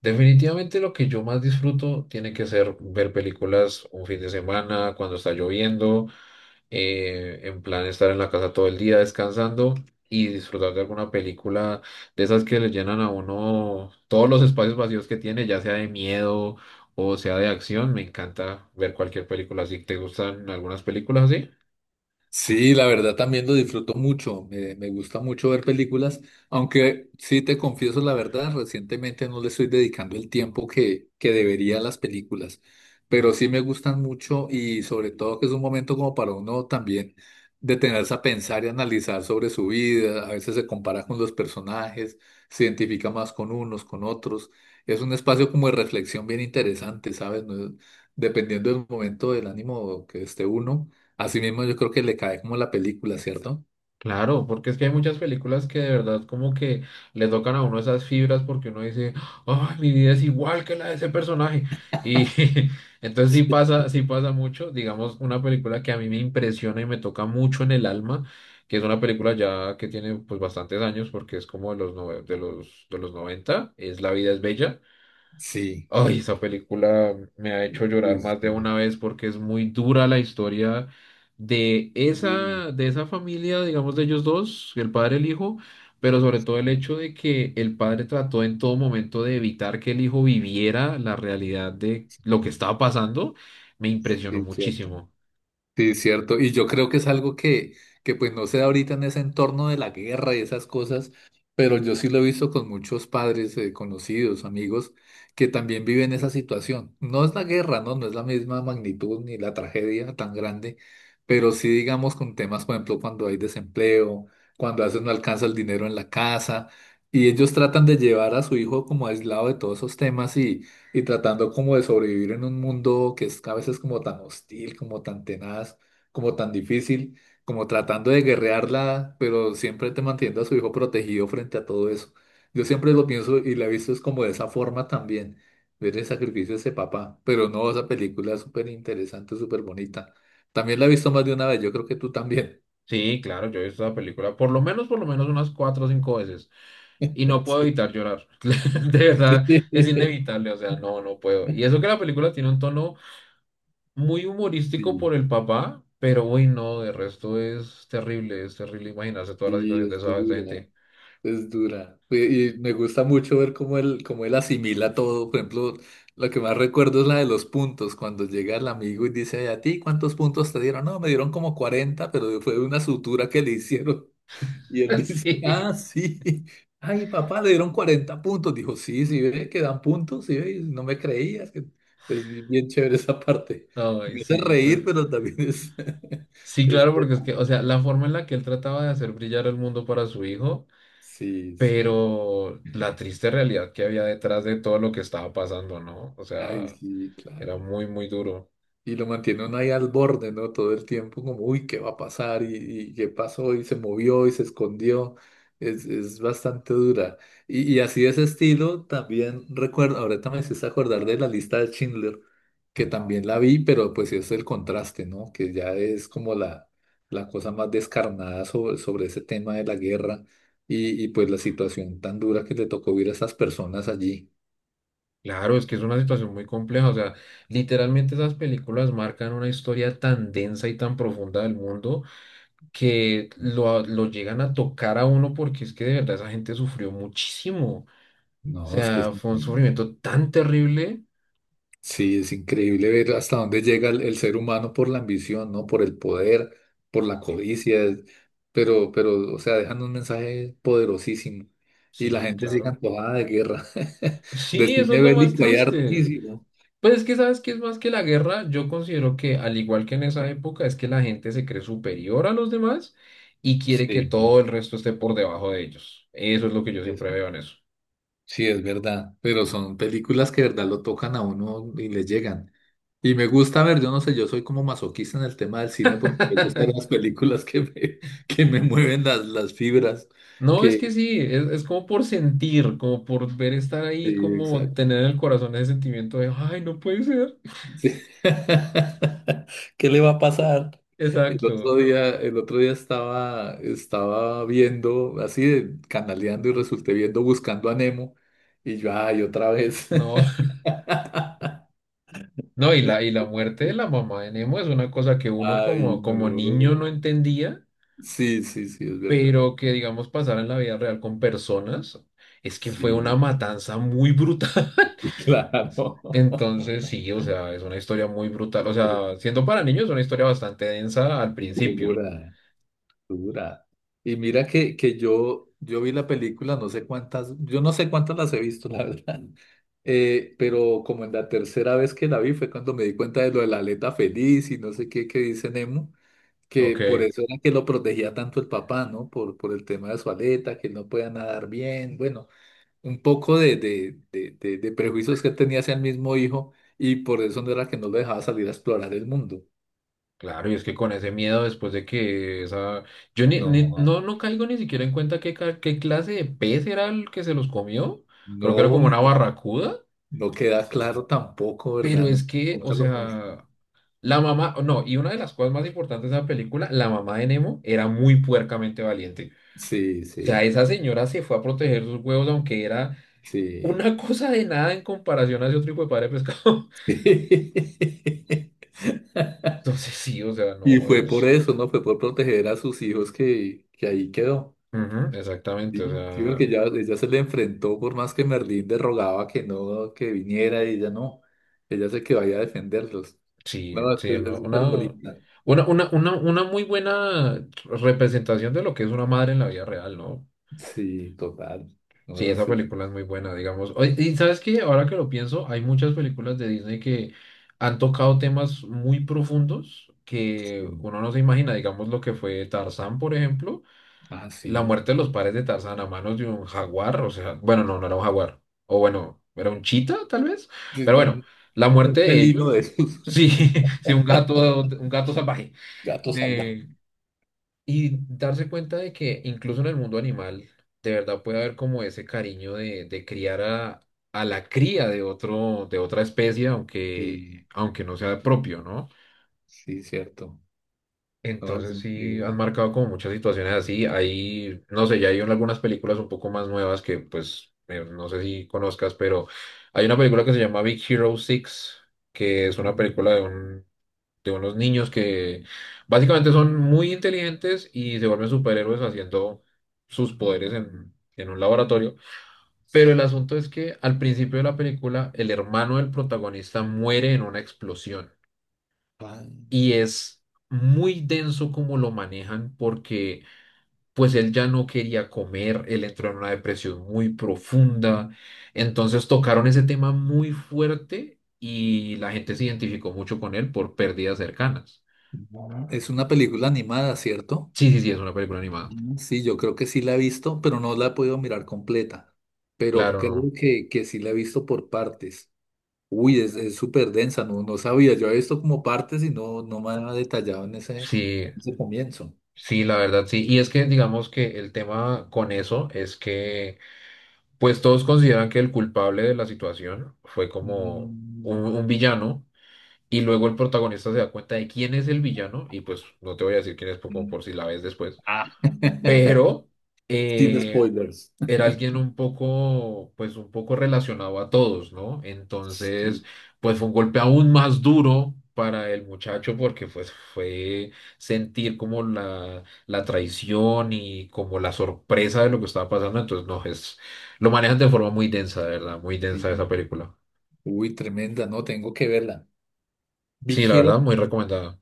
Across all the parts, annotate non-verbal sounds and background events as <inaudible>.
Definitivamente lo que yo más disfruto tiene que ser ver películas un fin de semana, cuando está lloviendo, en plan estar en la casa todo el día descansando y disfrutar de alguna película de esas que le llenan a uno todos los espacios vacíos que tiene, ya sea de miedo o sea de acción. Me encanta ver cualquier película así. ¿Te gustan algunas películas así? Sí, la verdad también lo disfruto mucho, me gusta mucho ver películas, aunque sí te confieso la verdad, recientemente no le estoy dedicando el tiempo que debería a las películas, pero sí me gustan mucho y sobre todo que es un momento como para uno también detenerse a pensar y analizar sobre su vida, a veces se compara con los personajes, se identifica más con unos, con otros, es un espacio como de reflexión bien interesante, ¿sabes? No es- Dependiendo del momento del ánimo que esté uno, así mismo yo creo que le cae como la película, ¿cierto? Claro, porque es que hay muchas películas que de verdad como que le tocan a uno esas fibras porque uno dice, ay, mi vida es igual que la de ese personaje. Y <laughs> entonces sí pasa mucho. Digamos, una película que a mí me impresiona y me toca mucho en el alma, que es una película ya que tiene pues bastantes años porque es como de los de los 90, es La vida es bella. Sí. Ay, esa película me ha hecho llorar Uy, más de sí. una vez porque es muy dura la historia Uy, de esa familia, digamos, de ellos dos, el padre y el hijo, pero sobre todo el sí, hecho de que el padre trató en todo momento de evitar que el hijo viviera la realidad de lo que sí, estaba pasando, me sí, impresionó es cierto. muchísimo. Sí, cierto. Y yo creo que es algo que pues no se da ahorita en ese entorno de la guerra y esas cosas, pero yo sí lo he visto con muchos padres, conocidos, amigos, que también viven esa situación. No es la guerra, ¿no? No es la misma magnitud ni la tragedia tan grande, pero sí digamos con temas, por ejemplo, cuando hay desempleo, cuando a veces no alcanza el dinero en la casa, y ellos tratan de llevar a su hijo como aislado de todos esos temas y tratando como de sobrevivir en un mundo que es a veces como tan hostil, como tan tenaz, como tan difícil, como tratando de guerrearla, pero siempre te manteniendo a su hijo protegido frente a todo eso. Yo siempre lo pienso y la he visto es como de esa forma también, ver el sacrificio de ese papá, pero no, esa película es súper interesante, súper bonita. También la he visto más de una vez, yo creo que tú también. Sí, claro, yo he visto esa película por lo menos unas cuatro o cinco veces y <laughs> no puedo Sí, evitar llorar. <laughs> De verdad, es <laughs> inevitable, o sea, no, no puedo. Y eso que la película tiene un tono muy humorístico por sí, el papá, pero uy, no, de resto es terrible imaginarse toda la sí, situación de es esa dura. gente. Es dura. Y me gusta mucho ver cómo él asimila todo. Por ejemplo, lo que más recuerdo es la de los puntos, cuando llega el amigo y dice, ¿a ti cuántos puntos te dieron? No, me dieron como 40 pero fue de una sutura que le hicieron. <laughs> Y él <laughs> dice, Sí, ah, sí. Ay, papá, le dieron 40 puntos. Dijo, sí, sí, ve que dan puntos, sí, ve, y no me creías. Es bien chévere esa parte. ay, Me hace sí, pues. reír, pero también es... <laughs> Sí, es... claro, porque es que, o sea, la forma en la que él trataba de hacer brillar el mundo para su hijo, Sí, sí. pero la triste realidad que había detrás de todo lo que estaba pasando, ¿no? O Ay, sea, sí, era claro. muy, muy duro. Y lo mantiene uno ahí al borde, ¿no? Todo el tiempo como, uy, ¿qué va a pasar? ¿Y qué pasó? Y se movió y se escondió. Es bastante dura. Y así de ese estilo, también recuerdo, ahorita me hiciste acordar de la lista de Schindler, que también la vi, pero pues sí es el contraste, ¿no? Que ya es como la cosa más descarnada sobre ese tema de la guerra y pues la situación tan dura que le tocó vivir a esas personas allí. Claro, es que es una situación muy compleja, o sea, literalmente esas películas marcan una historia tan densa y tan profunda del mundo que lo llegan a tocar a uno porque es que de verdad esa gente sufrió muchísimo. O No, es que sea, sí. fue un sufrimiento tan terrible. Sí, es increíble ver hasta dónde llega el ser humano por la ambición, ¿no? Por el poder, por la eh, codicia, pero, o sea, dejan un mensaje poderosísimo y la Sí, gente sigue claro. antojada de guerra, <laughs> <laughs> de Sí, eso es cine lo más bélico hay triste. hartísimo. Pues es que sabes que es más que la guerra, yo considero que al igual que en esa época es que la gente se cree superior a los demás y quiere que Sí, todo el resto esté por debajo de ellos. Eso es lo que yo es- siempre veo en eso. sí, es verdad, pero son películas que de verdad lo tocan a uno y le llegan. Y me gusta ver, yo no sé, yo soy como masoquista en el tema del cine porque me gustan <laughs> las películas que me mueven las fibras. No, es Que que sí, es como por sentir, como por ver estar ahí, Sí, como exacto. tener en el corazón ese sentimiento de, ay, no puede ser. Sí. <laughs> ¿Qué le va a pasar? El otro Exacto. día, el otro día estaba, estaba viendo, así de canaleando y resulté viendo Buscando a Nemo y yo, ay, otra vez. No, <laughs> <laughs> no, y la muerte de la mamá de Nemo es una cosa que uno Ay, como, como niño no no. entendía, Sí, sí, sí, es verdad. pero que digamos pasar en la vida real con personas, es que fue una Sí, matanza muy brutal. <laughs> claro. <laughs> <laughs> Entonces, sí, o sea, es una historia muy brutal. O Estoy sea, siendo para niños es una historia bastante densa al principio. segura. Dura. Y mira que yo, yo vi la película, no sé cuántas, yo no sé cuántas las he visto, la <laughs> verdad. Pero como en la tercera vez que la vi fue cuando me di cuenta de lo de la aleta feliz y no sé qué que dice Nemo, que por Ok. eso era que lo protegía tanto el papá, ¿no? Por el tema de su aleta, que él no podía nadar bien, bueno, un poco de prejuicios que él tenía hacia el mismo hijo y por eso no era que no lo dejaba salir a explorar el mundo. Claro, y es que con ese miedo después de que esa... Yo ni, ni- No, no, no caigo ni siquiera en cuenta qué clase de pez era el que se los comió. Creo que era no, como una no. barracuda. No queda claro tampoco, Pero ¿verdad? Es que, o Nunca lo muestran. sea, la mamá... No, y una de las cosas más importantes de la película, la mamá de Nemo era muy puercamente valiente. Sí, O sea, sí, esa señora se fue a proteger sus huevos aunque era sí. una <laughs> cosa de nada en comparación a ese otro hijo de padre pescado. <laughs> <laughs> Entonces sí, o sea, Y no fue por es... eso, ¿no? Fue por proteger a sus hijos que ahí quedó. Ujú, exactamente, o Sí, sí, sea... porque ya, ella se le enfrentó, por más que Merlín le rogaba que no, que viniera, y ella no. Ella se quedó ahí a defenderlos. Sí, No, es que sí, es no, súper bonita. Una muy buena representación de lo que es una madre en la vida real, ¿no? Sí, total. Sí, No, esa película es muy buena, digamos. Oye, y sabes que ahora que lo pienso, hay muchas películas de Disney que han tocado temas muy profundos que sí. uno no se imagina, digamos lo que fue Tarzán, por ejemplo. Ah, La sí. muerte de los padres de Tarzán a manos de un jaguar, o sea, bueno, no, no era un jaguar, o bueno, era un chita tal vez, Sí, pero bueno, no, la un muerte de felino de ellos, esos, sí, <laughs> sí, un gato salvaje, <laughs> gatos de, salvajes. y darse cuenta de que incluso en el mundo animal, de verdad puede haber como ese cariño de criar a la cría de otro, de otra especie, aunque, Sí. aunque no sea propio, ¿no? Sí, cierto. No, es Entonces sí increíble. han marcado como muchas situaciones así. Ahí no sé, ya hay algunas películas un poco más nuevas que pues no sé si conozcas, pero hay una película que se llama Big Hero 6, que es una película de unos niños que básicamente son muy inteligentes y se vuelven superhéroes haciendo sus poderes en un laboratorio. Pero el asunto es que al principio de la película el hermano del protagonista muere en una explosión Ah, y es muy denso como lo manejan porque pues él ya no quería comer, él entró en una depresión muy profunda, entonces tocaron ese tema muy fuerte y la gente se identificó mucho con él por pérdidas cercanas. es una película animada, ¿cierto? Sí, sí, sí, es una película animada. Mm. Sí, yo creo que sí la he visto, pero no la he podido mirar completa. Pero Claro, no. creo que sí la he visto por partes. Uy, es súper densa, no, no sabía. Yo he visto como partes y no, no me ha detallado Sí, en ese comienzo. sí, la verdad, sí. Y es que digamos que el tema con eso es que pues todos consideran que el culpable de la situación fue como Mm. un villano. Y luego el protagonista se da cuenta de quién es el villano, y pues no te voy a decir quién es por, como por si la ves después, Ah. <laughs> pero Sin eh, spoilers. era alguien un poco, pues un poco relacionado a todos, ¿no? Entonces, Sí, pues fue un golpe aún más duro para el muchacho porque pues fue sentir como la traición y como la sorpresa de lo que estaba pasando. Entonces, no, es, lo manejan de forma muy densa, de verdad, muy sí. densa esa película. Uy, tremenda, no, tengo que verla. Sí, Big la verdad, Hero muy recomendada.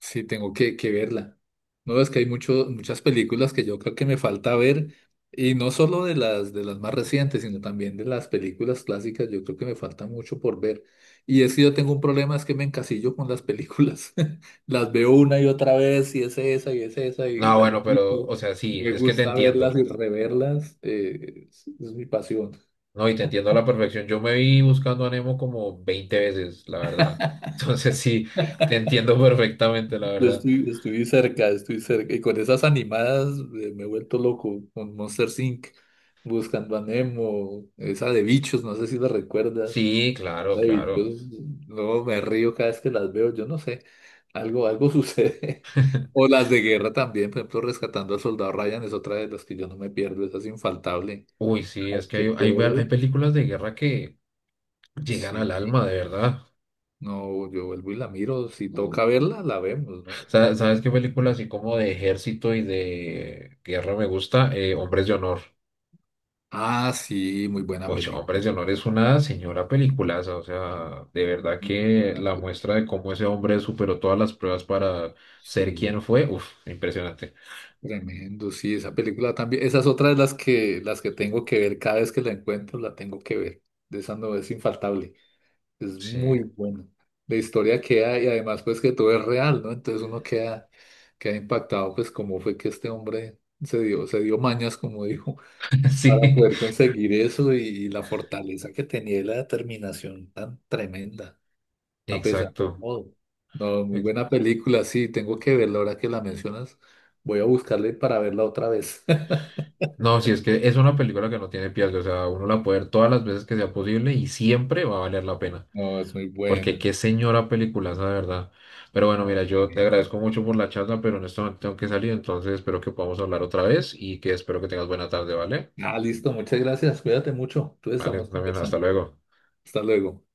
Sí, tengo que verla. No, es que hay muchas películas que yo creo que me falta ver, y no solo de las más recientes, sino también de las películas clásicas, yo creo que me falta mucho por ver. Y es que yo tengo un problema, es que me encasillo con las películas. <laughs> Las veo una y otra vez, y es esa, y es esa, y No, la bueno, pero, repito. o sea, sí, Me es que te gusta verlas y entiendo, reverlas, es mi pasión. ¿no? Y te entiendo a la perfección. Yo me vi Buscando a Nemo como 20 veces, la verdad. <laughs> Entonces, sí, te entiendo perfectamente, la Yo verdad. estoy, estoy cerca, estoy cerca. Y con esas animadas, me he vuelto loco con Monster Inc. Buscando a Nemo, esa de bichos, no sé si la recuerdas. Sí, claro, La de claro. bichos, no me río cada vez que las veo, yo no sé. Algo sucede. <laughs> O las de guerra también, por ejemplo, Rescatando al Soldado Ryan es otra de las que yo no me pierdo, esa es infaltable. Uy, sí, Cada es vez que que hay puedo, películas de guerra que llegan al sí. alma, de verdad. No, yo vuelvo y la miro. Si toca verla, la vemos, ¿no? <laughs> ¿Sabes qué película así como de ejército y de guerra me gusta? Hombres de Honor. Ah, sí, muy buena Mucho Hombre, película. de Honor es una señora peliculaza, o sea, de verdad Ujú, que buena la película. muestra de cómo ese hombre superó todas las pruebas para ser Sí, quien fue, uff, impresionante. tremendo. Sí, esa película también. Esa es otra de las que tengo que ver. Cada vez que la encuentro, la tengo que ver. De esa no es infaltable. Es Sí, muy buena. La historia queda y además pues que todo es real, ¿no? Entonces uno queda, queda impactado pues cómo fue que este hombre se dio mañas, como dijo, <laughs> para sí, poder conseguir eso y la fortaleza que tenía y la determinación tan tremenda. A pesar de exacto. todo. No, muy Ex- buena película, sí, tengo que verla ahora que la mencionas. Voy a buscarle para verla otra vez. <laughs> no, sí, es que es una película que no tiene pierde, o sea, uno la puede ver todas las veces que sea posible y siempre va a valer la pena, No, es muy porque buena. qué señora peliculaza, de verdad. Pero bueno, No, mira, qué yo te lindo. agradezco mucho por la charla, pero en este momento tengo que salir, entonces espero que podamos hablar otra vez y que espero que tengas buena tarde, ¿vale? Ah, listo, muchas gracias. Cuídate mucho. Entonces Vale, estamos también, hasta conversando. luego. Hasta luego.